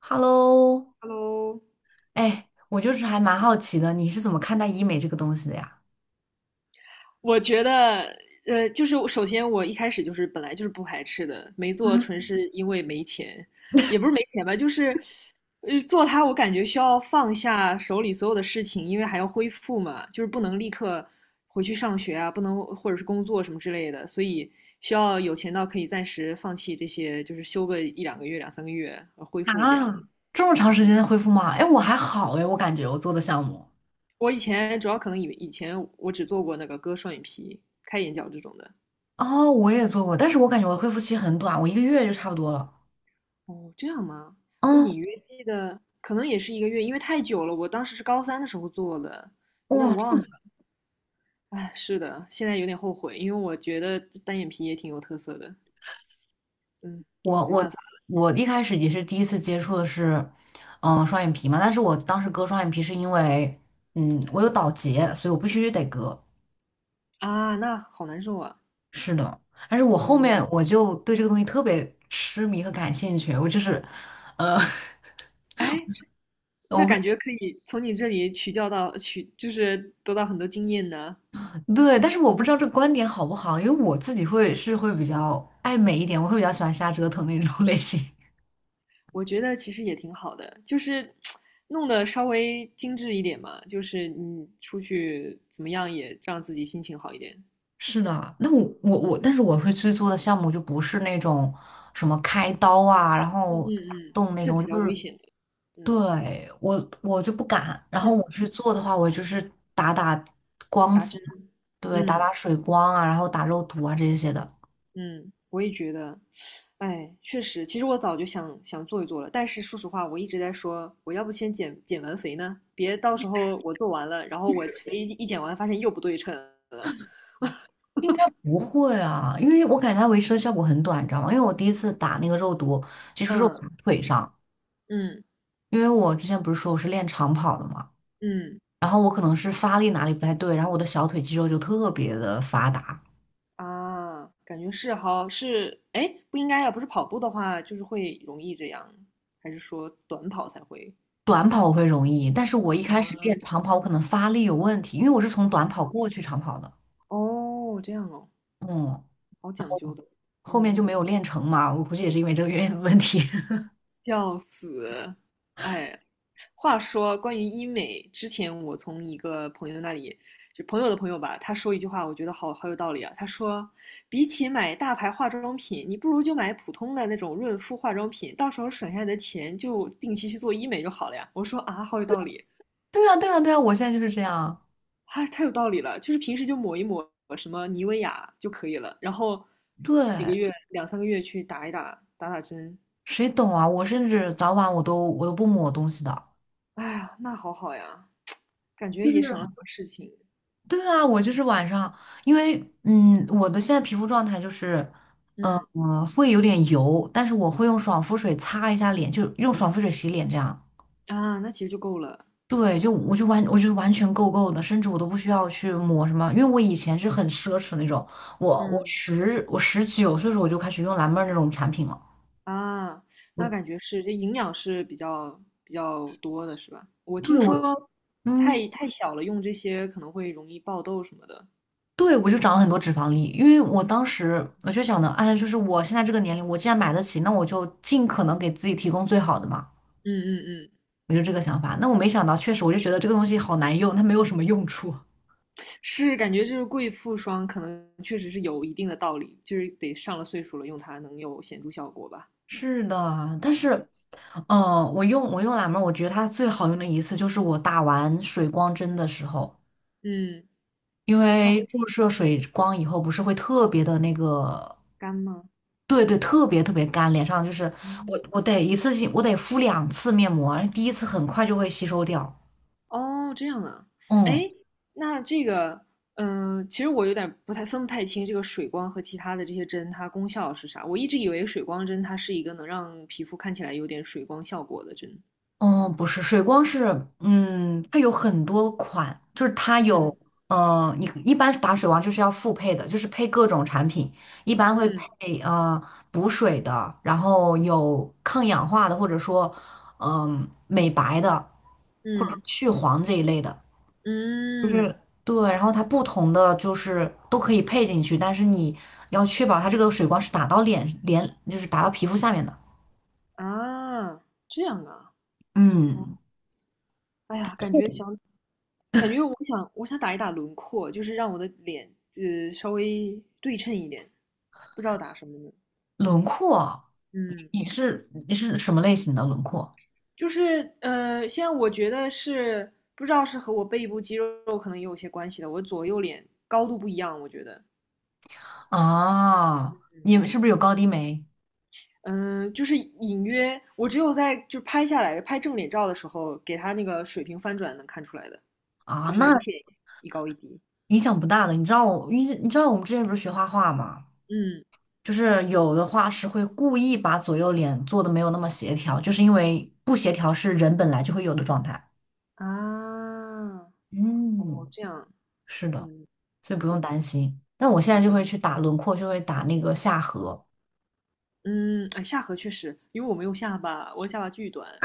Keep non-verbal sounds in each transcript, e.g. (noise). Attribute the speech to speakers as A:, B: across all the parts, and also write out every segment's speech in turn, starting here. A: Hello，
B: Hello，
A: 哎，我就是还蛮好奇的，你是怎么看待医美这个东西的呀？
B: 我觉得，就是首先我一开始就是本来就是不排斥的，没做纯
A: 嗯，
B: 是因为没钱，也不是没钱吧，就是，做它我感觉需要放下手里所有的事情，因为还要恢复嘛，就是不能立刻回去上学啊，不能或者是工作什么之类的，所以需要有钱到可以暂时放弃这些，就是休个一两个月、两三个月恢复这样。
A: 啊，这么长
B: 嗯，
A: 时间恢复吗？哎，我还好哎，我感觉我做的项目，
B: 我以前主要可能以前我只做过那个割双眼皮、开眼角这种的。
A: 哦，我也做过，但是我感觉我的恢复期很短，我一个月就差不多了。
B: 哦，这样吗？我
A: 嗯，
B: 隐约记得，可能也是一个月，因为太久了。我当时是高三的时候做的，有点
A: 哇，(clears throat) 这
B: 忘
A: 么
B: 了。哎，是的，现在有点后悔，因为我觉得单眼皮也挺有特色的。嗯，
A: 我我我一开始也是第一次接触的是，双眼皮嘛，但是我当时割双眼皮是因为，嗯，我有倒睫，所以我必须得割。
B: 啊，那好难受啊。
A: 是的，但是我后
B: 嗯，
A: 面我就对这个东西特别痴迷和感兴趣，我就是，呃，
B: 哎，
A: (laughs)
B: 那
A: 我不知
B: 感觉可以从你这里取教到取，就是得到很多经验呢。
A: 对，但是我不知道这个观点好不好，因为我自己会是会比较爱美一点，我会比较喜欢瞎折腾那种 (laughs) 类型。
B: 我觉得其实也挺好的，就是弄得稍微精致一点嘛，就是你出去怎么样也让自己心情好一点。
A: 是的，那我，但是我会去做的项目就不是那种什么开刀啊，然
B: 嗯
A: 后
B: 嗯
A: 打
B: 嗯，
A: 洞那
B: 这比
A: 种，
B: 较
A: 就
B: 危
A: 是
B: 险的。嗯
A: 对我就不敢。然
B: 嗯，
A: 后我去做的话，我就是打光
B: 打
A: 子，
B: 针。
A: 对，打
B: 嗯
A: 水光啊，然后打肉毒啊这些的。
B: 嗯，我也觉得，哎，确实，其实我早就想想做一做了，但是说实话，我一直在说，我要不先减完肥呢，别到时候我做完了，然后我肥一减完，发现又不对称了。
A: 应该不会啊，因为我感觉它维持的效果很短，你知道吗？因为我第一次打那个肉毒，其实是
B: 嗯
A: 打腿上，
B: 嗯
A: 因为我之前不是说我是练长跑的嘛，
B: 嗯
A: 然后我可能是发力哪里不太对，然后我的小腿肌肉就特别的发达。
B: 啊，感觉是好是，哎，不应该啊，不是跑步的话，就是会容易这样，还是说短跑才会
A: 短跑我会容易，但是我一开始
B: 啊？
A: 练长跑，我可能发力有问题，因为我是从短跑过去长跑的，
B: 哦，这样哦。
A: 嗯，
B: 好讲究的，
A: 后面
B: 嗯，
A: 就没有练成嘛，我估计也是因为这个原因的问题。(laughs)
B: 笑死，哎，话说关于医美，之前我从一个朋友那里，就朋友的朋友吧，他说一句话，我觉得好好有道理啊。他说，比起买大牌化妆品，你不如就买普通的那种润肤化妆品，到时候省下来的钱就定期去做医美就好了呀。我说啊，好有道理，
A: 对啊，对啊，对啊，我现在就是这样。
B: 哎，太有道理了，就是平时就抹一抹什么妮维雅就可以了，然后几个
A: 对，
B: 月两三个月去打一打打打针，
A: 谁懂啊？我甚至早晚我都不抹东西的。
B: 哎呀，那好好呀，感觉也省
A: (laughs)
B: 了很多事情。
A: 对啊，我就是晚上，因为我的现在皮肤状态就是，
B: 嗯
A: 会有点油，但是我会用爽肤水擦一下脸，就用爽肤水洗脸这样。
B: 啊，那其实就够了。
A: 对，就我就完，我觉得完全够够的，甚至我都不需要去抹什么，因为我以前是很奢侈那种，我我
B: 嗯
A: 十我十九岁的时候我就开始用蓝妹儿那种产品了，
B: 啊，那
A: 我
B: 感觉是这营养是比较多的，是吧？我
A: 对，
B: 听说
A: 嗯。
B: 太小了用这些可能会容易爆痘什么的。
A: 对，我就长了很多脂肪粒，因为我当时我就想的，哎，就是我现在这个年龄，我既然买得起，那我就尽可能给自己提供最好的嘛。
B: 嗯嗯嗯，
A: 我就这个想法。那我没想到，确实我就觉得这个东西好难用，它没有什么用处。
B: 是感觉就是贵妇霜可能确实是有一定的道理，就是得上了岁数了用它能有显著效果吧。
A: 是的，但是，
B: 嗯
A: 我用蓝莓儿我觉得它最好用的一次就是我打完水光针的时候，
B: 嗯，
A: 因
B: 它会
A: 为注射水光以后不是会特别的那个，
B: 干吗？
A: 对对，特别特别干，脸上就是我
B: 哦
A: 我得一次性敷两次面膜，第一次很快就会吸收掉。
B: 哦，这样啊，
A: 嗯，
B: 哎，那这个，嗯、其实我有点不太清这个水光和其他的这些针，它功效是啥？我一直以为水光针它是一个能让皮肤看起来有点水光效果的针。
A: 嗯，不是，水光是，嗯，它有很多款，就是它有，
B: 嗯
A: 你一般打水光就是要复配的，就是配各种产品，一般会
B: 嗯
A: 配补水的，然后有抗氧化的，或者说，美白的，或者说
B: 嗯
A: 去黄这一类的，就是
B: 嗯
A: 对，然后它不同的就是都可以配进去，但是你要确保它这个水光是打到脸，就是打到皮肤下面的，
B: 啊，这样啊，
A: 嗯，
B: 哎呀，感觉我想打一打轮廓，就是让我的脸稍微对称一点，不知道打什么呢。
A: 轮廓。
B: 嗯。
A: 你是什么类型的轮廓？
B: 就是现在我觉得是不知道是和我背部肌肉可能也有些关系的，我左右脸高度不一样，我觉得，
A: 啊，
B: 嗯，
A: 你们是不是有高低眉
B: 嗯、就是隐约我只有在就拍下来拍正脸照的时候，给它那个水平翻转能看出来的，
A: 啊？
B: 就是明
A: 那
B: 显一高一低，
A: 影响不大的。你知道我们之前不是学画画吗？
B: 嗯
A: 就是有的画师会故意把左右脸做的没有那么协调，就是因为不协调是人本来就会有的状态。
B: 啊，
A: 嗯，
B: 哦这样，
A: 是的，
B: 嗯
A: 所以不
B: 嗯
A: 用担心。但我现在
B: 嗯
A: 就会去打轮廓，就会打那个下颌。
B: 嗯，哎，下颌确实，因为我没有下巴，我的下巴巨短，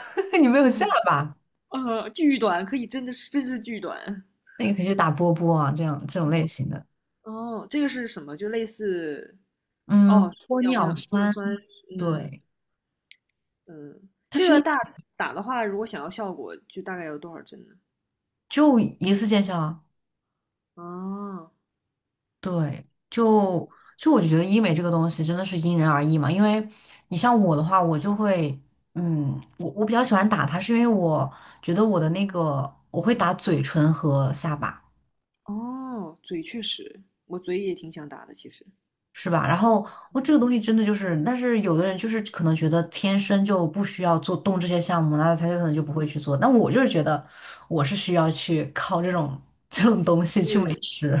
A: (laughs) 你没有下巴，
B: 巨短，可以真是巨短，
A: 那你可以去打波波啊，这样这种类型的。
B: 哦，这个是什么？就类似哦，
A: 嗯，玻尿
B: 玻尿
A: 酸，
B: 酸，嗯
A: 对。
B: 嗯，
A: 它
B: 这
A: 是
B: 个
A: 那。
B: 打的话，如果想要效果，就大概有多少针呢？
A: 就一次见效啊，
B: 哦
A: 对，就我就觉得医美这个东西真的是因人而异嘛，因为你像我的话，我就会，嗯，我比较喜欢打它，是因为我觉得我的那个我会打嘴唇和下巴，
B: 哦，嘴确实，我嘴也挺想打的，其实。
A: 是吧？然后我这
B: 嗯
A: 个东西真的就是，但是有的人就是可能觉得天生就不需要做动这些项目，那他就可能就不
B: 嗯，
A: 会去做。但我就是觉得我是需要去靠这种 (laughs) 这种东西去维
B: 是
A: 持。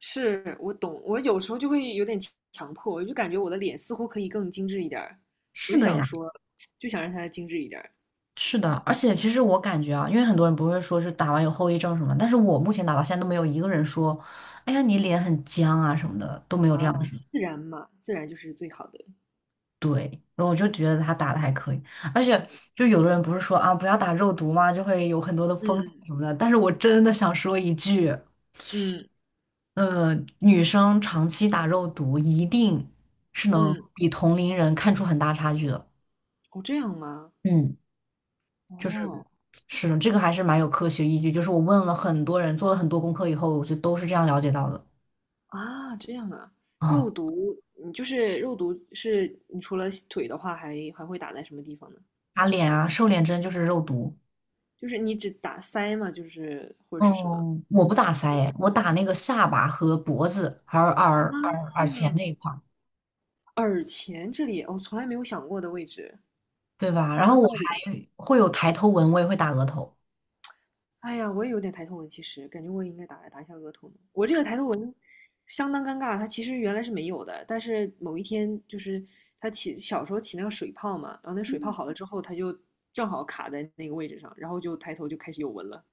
B: 是，我懂。我有时候就会有点强迫，我就感觉我的脸似乎可以更精致一点儿，我
A: 是
B: 就
A: 的
B: 想
A: 呀。
B: 说，就想让它精致一点儿
A: 是的，而且其实我感觉啊，因为很多人不会说是打完有后遗症什么，但是我目前打到现在都没有一个人说，哎呀你脸很僵啊什么的，都没有这样
B: 啊，
A: 的人
B: 自然嘛，自然就是最好的。
A: 对，然后我就觉得他打的还可以，而且就有的人不是说啊不要打肉毒嘛，就会有很多的风险
B: 嗯
A: 什么的，但是我真的想说一句，
B: 嗯
A: 呃，女生长期打肉毒一定是能
B: 嗯，
A: 比同龄人看出很大差距的。
B: 哦，这样吗？
A: 嗯。就
B: 哦，
A: 是是的，这个还是蛮有科学依据。就是我问了很多人，做了很多功课以后，我就都是这样了解到的。
B: 啊，这样啊，肉
A: 哦，
B: 毒，你就是肉毒是，你除了腿的话还，还会打在什么地方呢？
A: 打脸啊，瘦脸针就是肉毒。
B: 就是你只打腮嘛，就是或者是什么
A: 哦，我不打腮诶我打那个下巴和脖子，还有耳
B: 啊？
A: 前那一块儿，
B: 耳前这里，我、从来没有想过的位置，
A: 对吧？然
B: 很有
A: 后我
B: 道理。
A: 还会有抬头纹，我也会打额头。
B: 哎呀，我也有点抬头纹，其实感觉我也应该打打一下额头呢我这个抬头纹相当尴尬，它其实原来是没有的，但是某一天就是它起小时候起那个水泡嘛，然后那水泡好了之后，它就正好卡在那个位置上，然后就抬头就开始有纹了。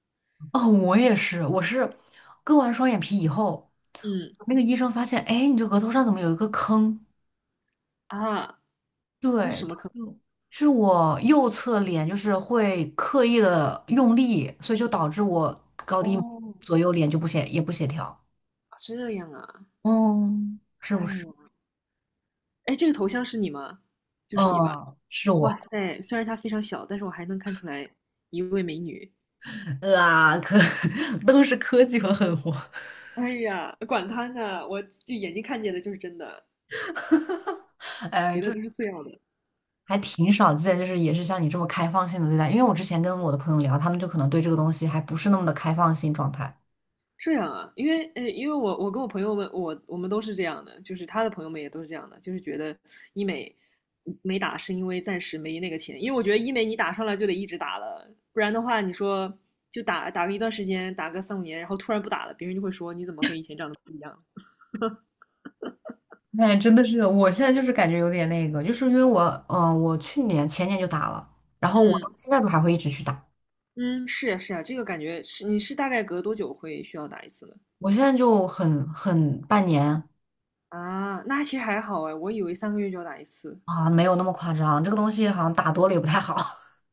A: 哦，我也是，我是割完双眼皮以后，
B: 嗯
A: 那个医生发现，哎，你这额头上怎么有一个坑？
B: 啊，那是
A: 对，
B: 什么坑？
A: 就是我右侧脸就是会刻意的用力，所以就导致我高低
B: 哦，
A: 左右脸就不协调，
B: 这样啊，
A: 嗯，是不
B: 哎
A: 是？
B: 呦，哎，这个头像是你吗？就是你吧？
A: 嗯，是
B: 哇
A: 我，
B: 塞，虽然它非常小，但是我还能看出来一位美女。
A: 啊，(laughs) 都是科技和狠活，
B: 哎呀，管他呢，我就眼睛看见的就是真的。别的都是次要的。
A: (laughs) 还挺少见，就是也是像你这么开放性的对待。因为我之前跟我的朋友聊，他们就可能对这个东西还不是那么的开放性状态。
B: 这样啊，因为我跟我朋友们，我们都是这样的，就是他的朋友们也都是这样的，就是觉得医美没打是因为暂时没那个钱，因为我觉得医美你打上来就得一直打了，不然的话你说就打个一段时间，打个三五年，然后突然不打了，别人就会说你怎么和以前长得
A: 哎，真的是，我现在就是感觉有点那个，就是因为我，我去年前年就打了，然后我到
B: 嗯
A: 现在都还会一直去打。
B: 嗯，是呀是呀，这个感觉是你是大概隔多久会需要打一次呢？
A: 我现在就半年
B: 啊，那其实还好哎，我以为三个月就要打一次，
A: 啊，没有那么夸张。这个东西好像打多了也不太好，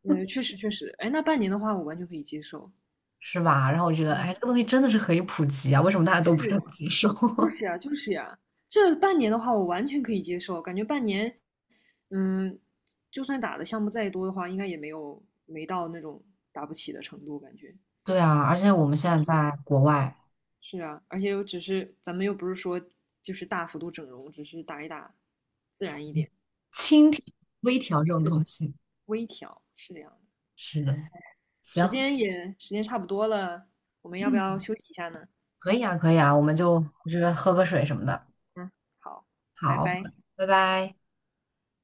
B: 嗯，确实确实，哎，那半年的话我完全可以接受，
A: (laughs) 是吧？然后我觉得，
B: 嗯，
A: 哎，这个东西真的是可以普及啊，为什么大家都不是
B: 是
A: 很接受？
B: 就是
A: (laughs)
B: 呀，就是呀，这半年的话，我完全可以接受，感觉半年，嗯，就算打的项目再多的话，应该也没到那种打不起的程度，感觉。
A: 对啊，而且我们现在在国外，
B: 是啊，而且又只是咱们又不是说就是大幅度整容，只是打一打，自然一点，
A: 轻调、微调这种
B: 嗯，
A: 东西，
B: 微调，是这样的。
A: 是的。行，
B: 时间差不多了，我们要不要
A: 嗯，
B: 休息一下呢？
A: 可以啊，可以啊，我们就我觉得喝个水什么的。
B: 嗯，好，拜
A: 好，
B: 拜。
A: 拜拜。